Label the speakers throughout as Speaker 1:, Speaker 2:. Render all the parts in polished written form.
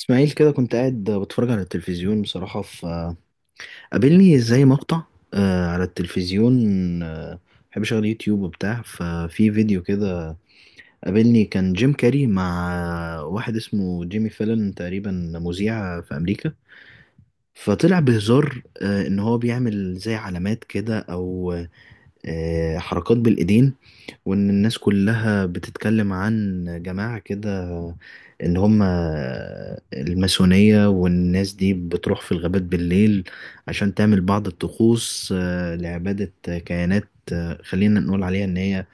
Speaker 1: اسماعيل، كده كنت قاعد بتفرج على التلفزيون بصراحة، فقابلني زي مقطع على التلفزيون. آه، بحب اشغل يوتيوب وبتاع، ففي فيديو كده قابلني كان جيم كاري مع واحد اسمه جيمي فيلن، تقريبا مذيع في امريكا. فطلع بهزار ان هو بيعمل زي علامات كده، او حركات بالايدين. وإن الناس كلها بتتكلم عن جماعة كده، إن هم الماسونية، والناس دي بتروح في الغابات بالليل عشان تعمل بعض الطقوس لعبادة كيانات. خلينا نقول عليها إن هي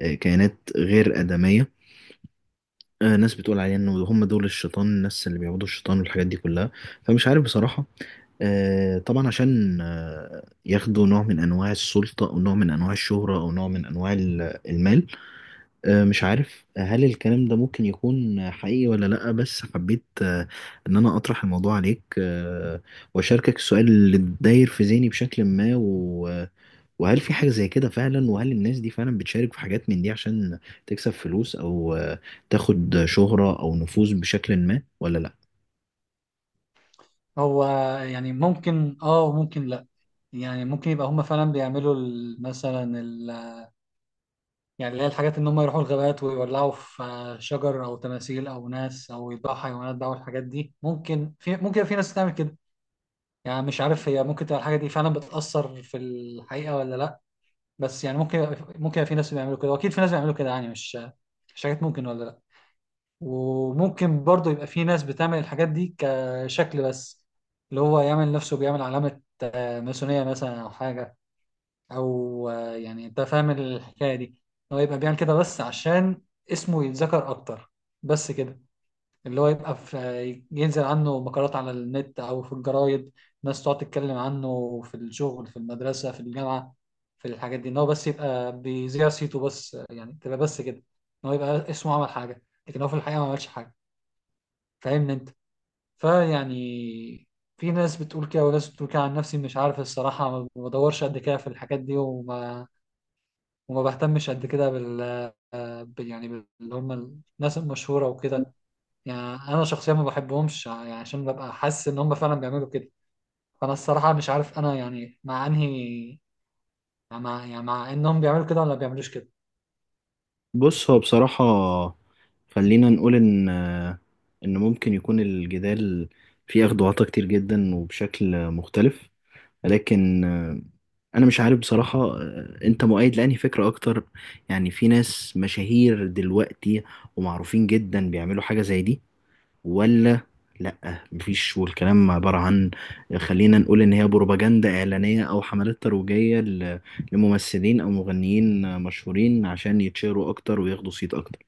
Speaker 1: كيانات غير آدمية. ناس بتقول عليها إن هم دول الشيطان، الناس اللي بيعبدوا الشيطان والحاجات دي كلها. فمش عارف بصراحة. طبعا عشان ياخدوا نوع من انواع السلطه، او نوع من انواع الشهره، او نوع من انواع المال. مش عارف هل الكلام ده ممكن يكون حقيقي ولا لأ، بس حبيت إن أنا أطرح الموضوع عليك، وأشاركك السؤال اللي داير في ذهني بشكل ما، وهل في حاجة زي كده فعلا؟ وهل الناس دي فعلا بتشارك في حاجات من دي عشان تكسب فلوس أو تاخد شهرة أو نفوذ بشكل ما ولا لأ؟
Speaker 2: هو، يعني ممكن وممكن لا. يعني ممكن يبقى هم فعلا بيعملوا يعني اللي هي الحاجات ان هم يروحوا الغابات ويولعوا في شجر او تماثيل او ناس او يذبحوا حيوانات بقى، والحاجات دي ممكن في ناس تعمل كده. يعني مش عارف هي ممكن تبقى الحاجه دي فعلا بتأثر في الحقيقه ولا لا، بس يعني ممكن يبقى في ناس بيعملوا كده، واكيد في ناس بيعملوا كده. يعني مش حاجات ممكن ولا لا. وممكن برضه يبقى في ناس بتعمل الحاجات دي كشكل بس، اللي هو يعمل نفسه بيعمل علامة ماسونية مثلا أو حاجة، أو يعني أنت فاهم الحكاية دي. هو يبقى بيعمل كده بس عشان اسمه يتذكر أكتر، بس كده. اللي هو يبقى في ينزل عنه مقالات على النت أو في الجرايد، ناس تقعد تتكلم عنه في الشغل، في المدرسة، في الجامعة، في الحاجات دي. إن هو بس يبقى بيذيع صيته بس، يعني تبقى بس كده، إن هو يبقى اسمه عمل حاجة، لكن هو في الحقيقة ما عملش حاجة. فاهمني أنت؟ فيعني في ناس بتقول كده وناس بتقول كده. عن نفسي مش عارف الصراحة، ما بدورش قد كده في الحاجات دي، وما بهتمش قد كده بال اللي هم الناس المشهورة وكده. يعني أنا شخصيا ما بحبهمش، يعني عشان ببقى حاسس إن هم فعلا بيعملوا كده. فأنا الصراحة مش عارف أنا يعني مع أنهي يعني مع يعني مع إنهم بيعملوا كده ولا ما بيعملوش كده.
Speaker 1: بص، هو بصراحة خلينا نقول إن ممكن يكون الجدال فيه أخدواتا كتير جدا وبشكل مختلف. لكن انا مش عارف بصراحة، انت مؤيد لأنهي فكرة اكتر؟ يعني في ناس مشاهير دلوقتي ومعروفين جدا بيعملوا حاجة زي دي، ولا لأ مفيش، والكلام عبارة عن، خلينا نقول، ان هي بروباجندا اعلانية او حملات ترويجية لممثلين او مغنيين مشهورين عشان يتشهروا اكتر وياخدوا صيت اكتر؟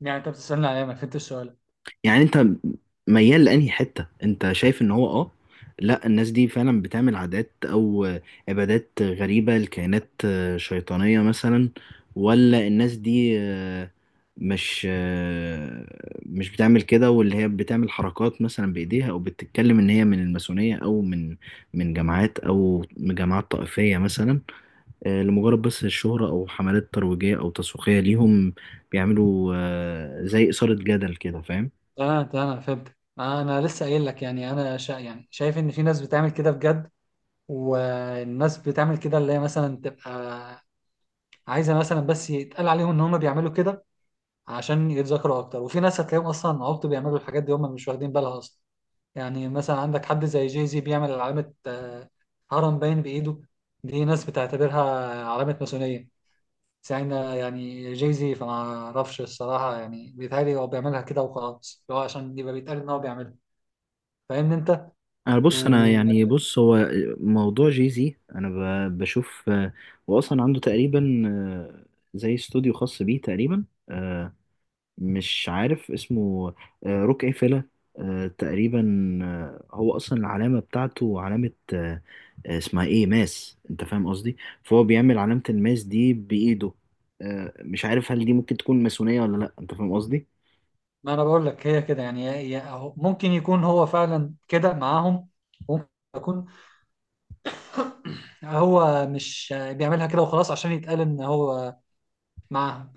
Speaker 2: يعني أنت بتسألني عليا؟ ما فهمتش السؤال.
Speaker 1: يعني انت ميال لانهي حته؟ انت شايف ان هو لا، الناس دي فعلا بتعمل عادات او عبادات غريبه لكائنات شيطانيه مثلا، ولا الناس دي مش آه، مش بتعمل كده، واللي هي بتعمل حركات مثلا بايديها او بتتكلم ان هي من الماسونيه، او من جماعات، او من جماعات طائفيه مثلا، لمجرد بس الشهره او حملات ترويجيه او تسويقيه ليهم، بيعملوا زي اثاره جدل كده، فاهم؟
Speaker 2: أنا فهمت، أنا لسه قايل لك. يعني أنا شا يعني شايف إن في ناس بتعمل كده بجد، والناس بتعمل كده اللي هي مثلا تبقى عايزه مثلا بس يتقال عليهم ان هم بيعملوا كده عشان يتذكروا اكتر. وفي ناس هتلاقيهم اصلا عبط، بيعملوا الحاجات دي هم مش واخدين بالها اصلا. يعني مثلا عندك حد زي جاي زي بيعمل علامه هرم باين بايده. دي ناس بتعتبرها علامه ماسونيه. ساعتها يعني جاي زي، فما اعرفش الصراحه، يعني بيتهيألي هو بيعملها كده وخلاص، اللي هو عشان يبقى بيتقال ان هو بيعملها. فاهمني انت؟
Speaker 1: انا، بص، انا يعني بص، هو موضوع جيزي. انا بشوف، واصلا عنده تقريبا زي استوديو خاص بيه تقريبا. مش عارف اسمه. روك ايه فيلا تقريبا. هو اصلا العلامه بتاعته علامه اسمها ايه ماس، انت فاهم قصدي؟ فهو بيعمل علامه الماس دي بايده. مش عارف هل دي ممكن تكون ماسونيه ولا لا، انت فاهم قصدي؟
Speaker 2: ما انا بقول لك هي كده. يعني ممكن يكون هو فعلا كده معاهم، ممكن يكون هو مش بيعملها كده وخلاص عشان يتقال ان هو معاهم،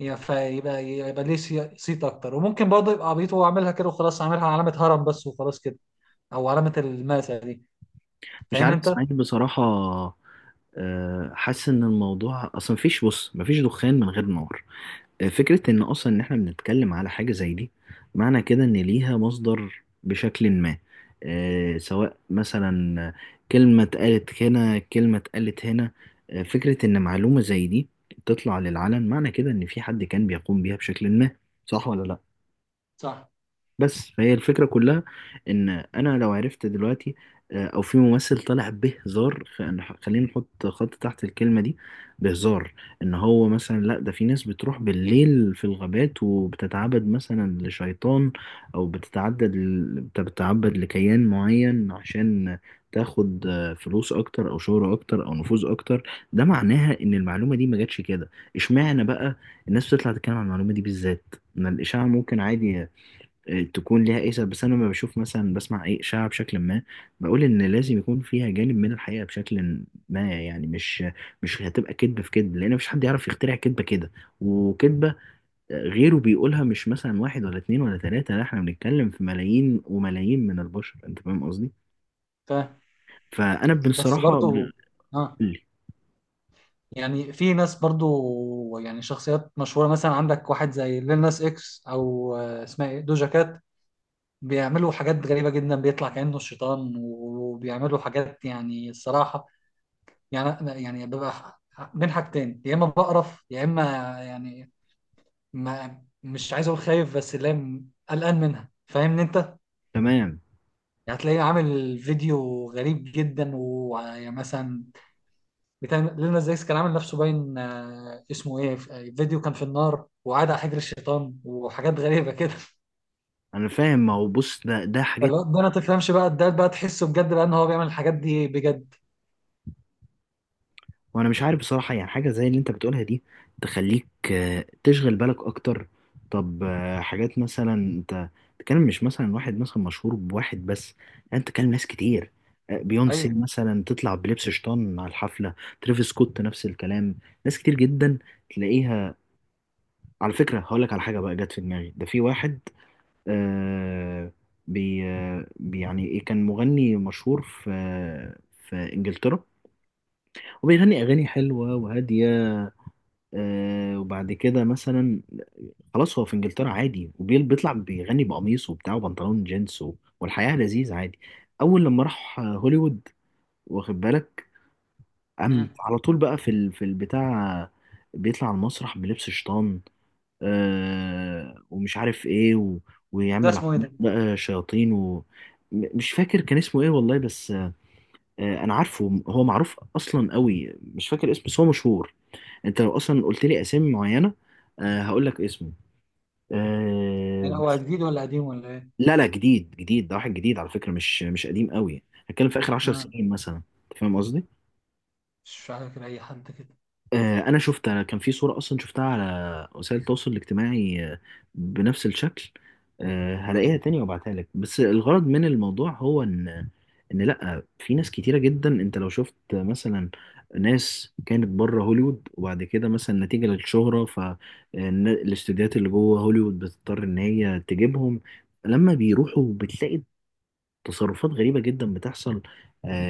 Speaker 2: فيبقى يبقى ليه صيت اكتر. وممكن برضه يبقى عبيط وهو عاملها كده وخلاص، عاملها علامة هرم بس وخلاص كده، او علامة الماسة دي.
Speaker 1: مش
Speaker 2: فاهمني
Speaker 1: عارف اسمها
Speaker 2: انت؟
Speaker 1: ايه بصراحه. حاسس ان الموضوع، اصلا مفيش، بص، مفيش دخان من غير نار. فكره ان اصلا ان احنا بنتكلم على حاجه زي دي، معنى كده ان ليها مصدر بشكل ما. سواء مثلا كلمه اتقالت هنا، كلمه اتقالت هنا. فكره ان معلومه زي دي تطلع للعلن، معنى كده ان في حد كان بيقوم بيها بشكل ما، صح ولا لا؟
Speaker 2: صح.
Speaker 1: بس فهي الفكرة كلها، إن أنا لو عرفت دلوقتي أو في ممثل طالع بهزار، خلينا نحط خط تحت الكلمة دي، بهزار، إن هو مثلا لأ، ده في ناس بتروح بالليل في الغابات وبتتعبد مثلا لشيطان، أو بتتعدد بتتعبد لكيان معين عشان تاخد فلوس أكتر، أو شهرة أكتر، أو نفوذ أكتر. ده معناها إن المعلومة دي ما جاتش كده. إشمعنى بقى الناس بتطلع تتكلم عن المعلومة دي بالذات؟ إن الإشاعة ممكن عادي تكون ليها ايه سبب. بس انا لما بشوف مثلا، بسمع ايه اشاعه بشكل ما، بقول ان لازم يكون فيها جانب من الحقيقه بشكل ما. يعني مش هتبقى كذبه في كذب، لان مفيش حد يعرف يخترع كذبه كده وكذبه غيره بيقولها، مش مثلا واحد ولا اتنين ولا تلاته، لا احنا بنتكلم في ملايين وملايين من البشر، انت فاهم قصدي؟
Speaker 2: فاهم.
Speaker 1: فانا
Speaker 2: بس
Speaker 1: بصراحه
Speaker 2: برضه اه يعني في ناس برضه، يعني شخصيات مشهورة، مثلا عندك واحد زي ليل ناس اكس او اسمها ايه، دوجا كات، بيعملوا حاجات غريبة جدا، بيطلع كأنه الشيطان وبيعملوا حاجات، يعني الصراحة يعني ببقى بين حاجتين، يا إما بقرف يا إما يعني ما مش عايز أقول خايف، بس اللي هي قلقان منها. فاهمني أنت؟
Speaker 1: تمام.
Speaker 2: يعني هتلاقيه عامل فيديو غريب جدا، ويعني مثلا بتاع لنا زيكس، كان عامل نفسه باين اسمه إيه، فيديو كان في النار وقعد على حجر الشيطان وحاجات غريبة كده.
Speaker 1: انا فاهم، ما هو بص، ده حاجات.
Speaker 2: فالواد ده ما تفهمش بقى، ده بقى تحسه بجد بقى إن هو بيعمل الحاجات دي بجد.
Speaker 1: وانا مش عارف بصراحة، يعني حاجة زي اللي انت بتقولها دي تخليك تشغل بالك اكتر. طب حاجات مثلا، انت تتكلم مش مثلا واحد مثلا مشهور بواحد بس، لا، انت تتكلم ناس كتير. بيونسي
Speaker 2: أيوه.
Speaker 1: مثلا تطلع بلبس شيطان على الحفلة، ترافيس سكوت نفس الكلام، ناس كتير جدا تلاقيها. على فكرة هقول لك على حاجة بقى جت في دماغي، ده في واحد آه يعني ايه، كان مغني مشهور في انجلترا، وبيغني اغاني حلوة وهادية. وبعد كده مثلا، خلاص هو في انجلترا عادي، وبيل بيطلع بيغني بقميص وبتاع وبنطلون جينز والحياة لذيذ عادي. اول لما راح هوليوود، واخد بالك، قام
Speaker 2: مم.
Speaker 1: على طول بقى في البتاع، بيطلع على المسرح بلبس شيطان، ومش عارف ايه
Speaker 2: ده
Speaker 1: ويعمل
Speaker 2: اسمه ايه
Speaker 1: عمال
Speaker 2: ده؟
Speaker 1: بقى شياطين مش فاكر كان اسمه ايه والله، بس انا عارفه، هو معروف اصلا قوي، مش فاكر اسمه بس هو مشهور. انت لو اصلا قلت لي اسامي معينة، هقول لك اسمه. آه،
Speaker 2: يعني هو
Speaker 1: بس-
Speaker 2: جديد ولا قديم ولا ايه؟
Speaker 1: لا، لا، جديد جديد، ده واحد جديد على فكرة، مش قديم قوي. هتكلم في آخر عشر
Speaker 2: مم.
Speaker 1: سنين مثلا. أنت فاهم قصدي؟
Speaker 2: مش فاكر اي حد كده.
Speaker 1: انا شفت، أنا كان في صورة اصلا شفتها على وسائل التواصل الاجتماعي بنفس الشكل. هلاقيها تاني وابعتها لك. بس الغرض من الموضوع هو ان لا، في ناس كتيرة جدا، انت لو شفت مثلا ناس كانت بره هوليوود وبعد كده مثلا نتيجة للشهرة، فالاستوديوهات اللي جوه هوليوود بتضطر ان هي تجيبهم، لما بيروحوا بتلاقي تصرفات غريبة جدا بتحصل.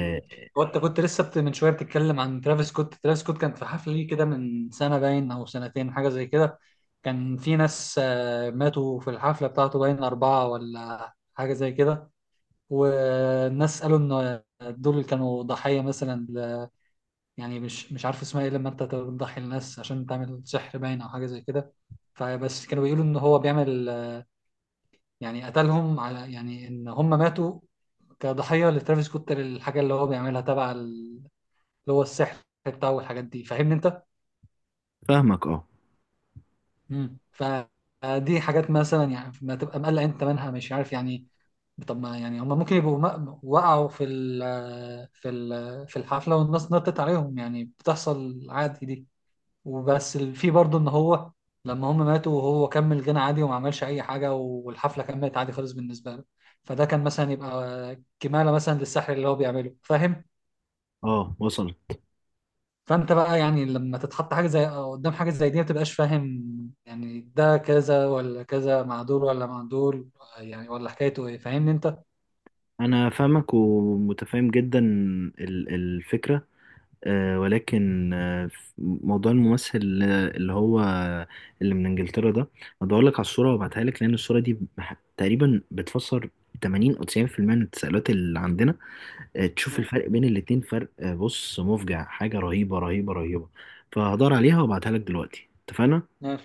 Speaker 2: مم. هو انت كنت لسه من شويه بتتكلم عن ترافيس سكوت. ترافيس سكوت كان في حفله ليه كده من سنه باين او سنتين، حاجه زي كده. كان في ناس ماتوا في الحفله بتاعته، باين 4 ولا حاجه زي كده. والناس قالوا ان دول كانوا ضحيه مثلا يعني مش عارف اسمها ايه، لما انت تضحي الناس عشان تعمل سحر باين او حاجه زي كده. فبس كانوا بيقولوا ان هو بيعمل، يعني قتلهم، على يعني ان هم ماتوا كضحية لترافيس سكوت، للحاجة اللي هو بيعملها تبع اللي هو السحر بتاعه، والحاجات دي. فاهمني انت؟
Speaker 1: فاهمك اه.
Speaker 2: فدي حاجات مثلا، يعني ما تبقى مقلق انت منها مش عارف يعني. طب ما يعني هم ممكن يبقوا وقعوا في الحفلة والناس نطت عليهم، يعني بتحصل عادي دي. وبس في برضه ان هو لما هم ماتوا وهو كمل غنى عادي وما عملش اي حاجه، والحفله كملت عادي خالص بالنسبه له، فده كان مثلا يبقى كماله مثلا للسحر اللي هو بيعمله، فاهم؟
Speaker 1: اه وصلت.
Speaker 2: فانت بقى يعني لما تتحط حاجه زي قدام حاجه زي دي ما تبقاش فاهم، يعني ده كذا ولا كذا، مع دول ولا مع دول، يعني ولا حكايته ايه. فاهمني انت؟
Speaker 1: انا فاهمك ومتفاهم جدا الفكره، ولكن موضوع الممثل اللي من انجلترا ده، بدور لك على الصوره وابعتها لك، لان الصوره دي تقريبا بتفسر 80 او 90% من التساؤلات اللي عندنا. تشوف الفرق بين الاتنين، فرق بص، مفجع، حاجه رهيبه رهيبه رهيبه. فهدور عليها وابعتها لك دلوقتي، اتفقنا؟
Speaker 2: مم.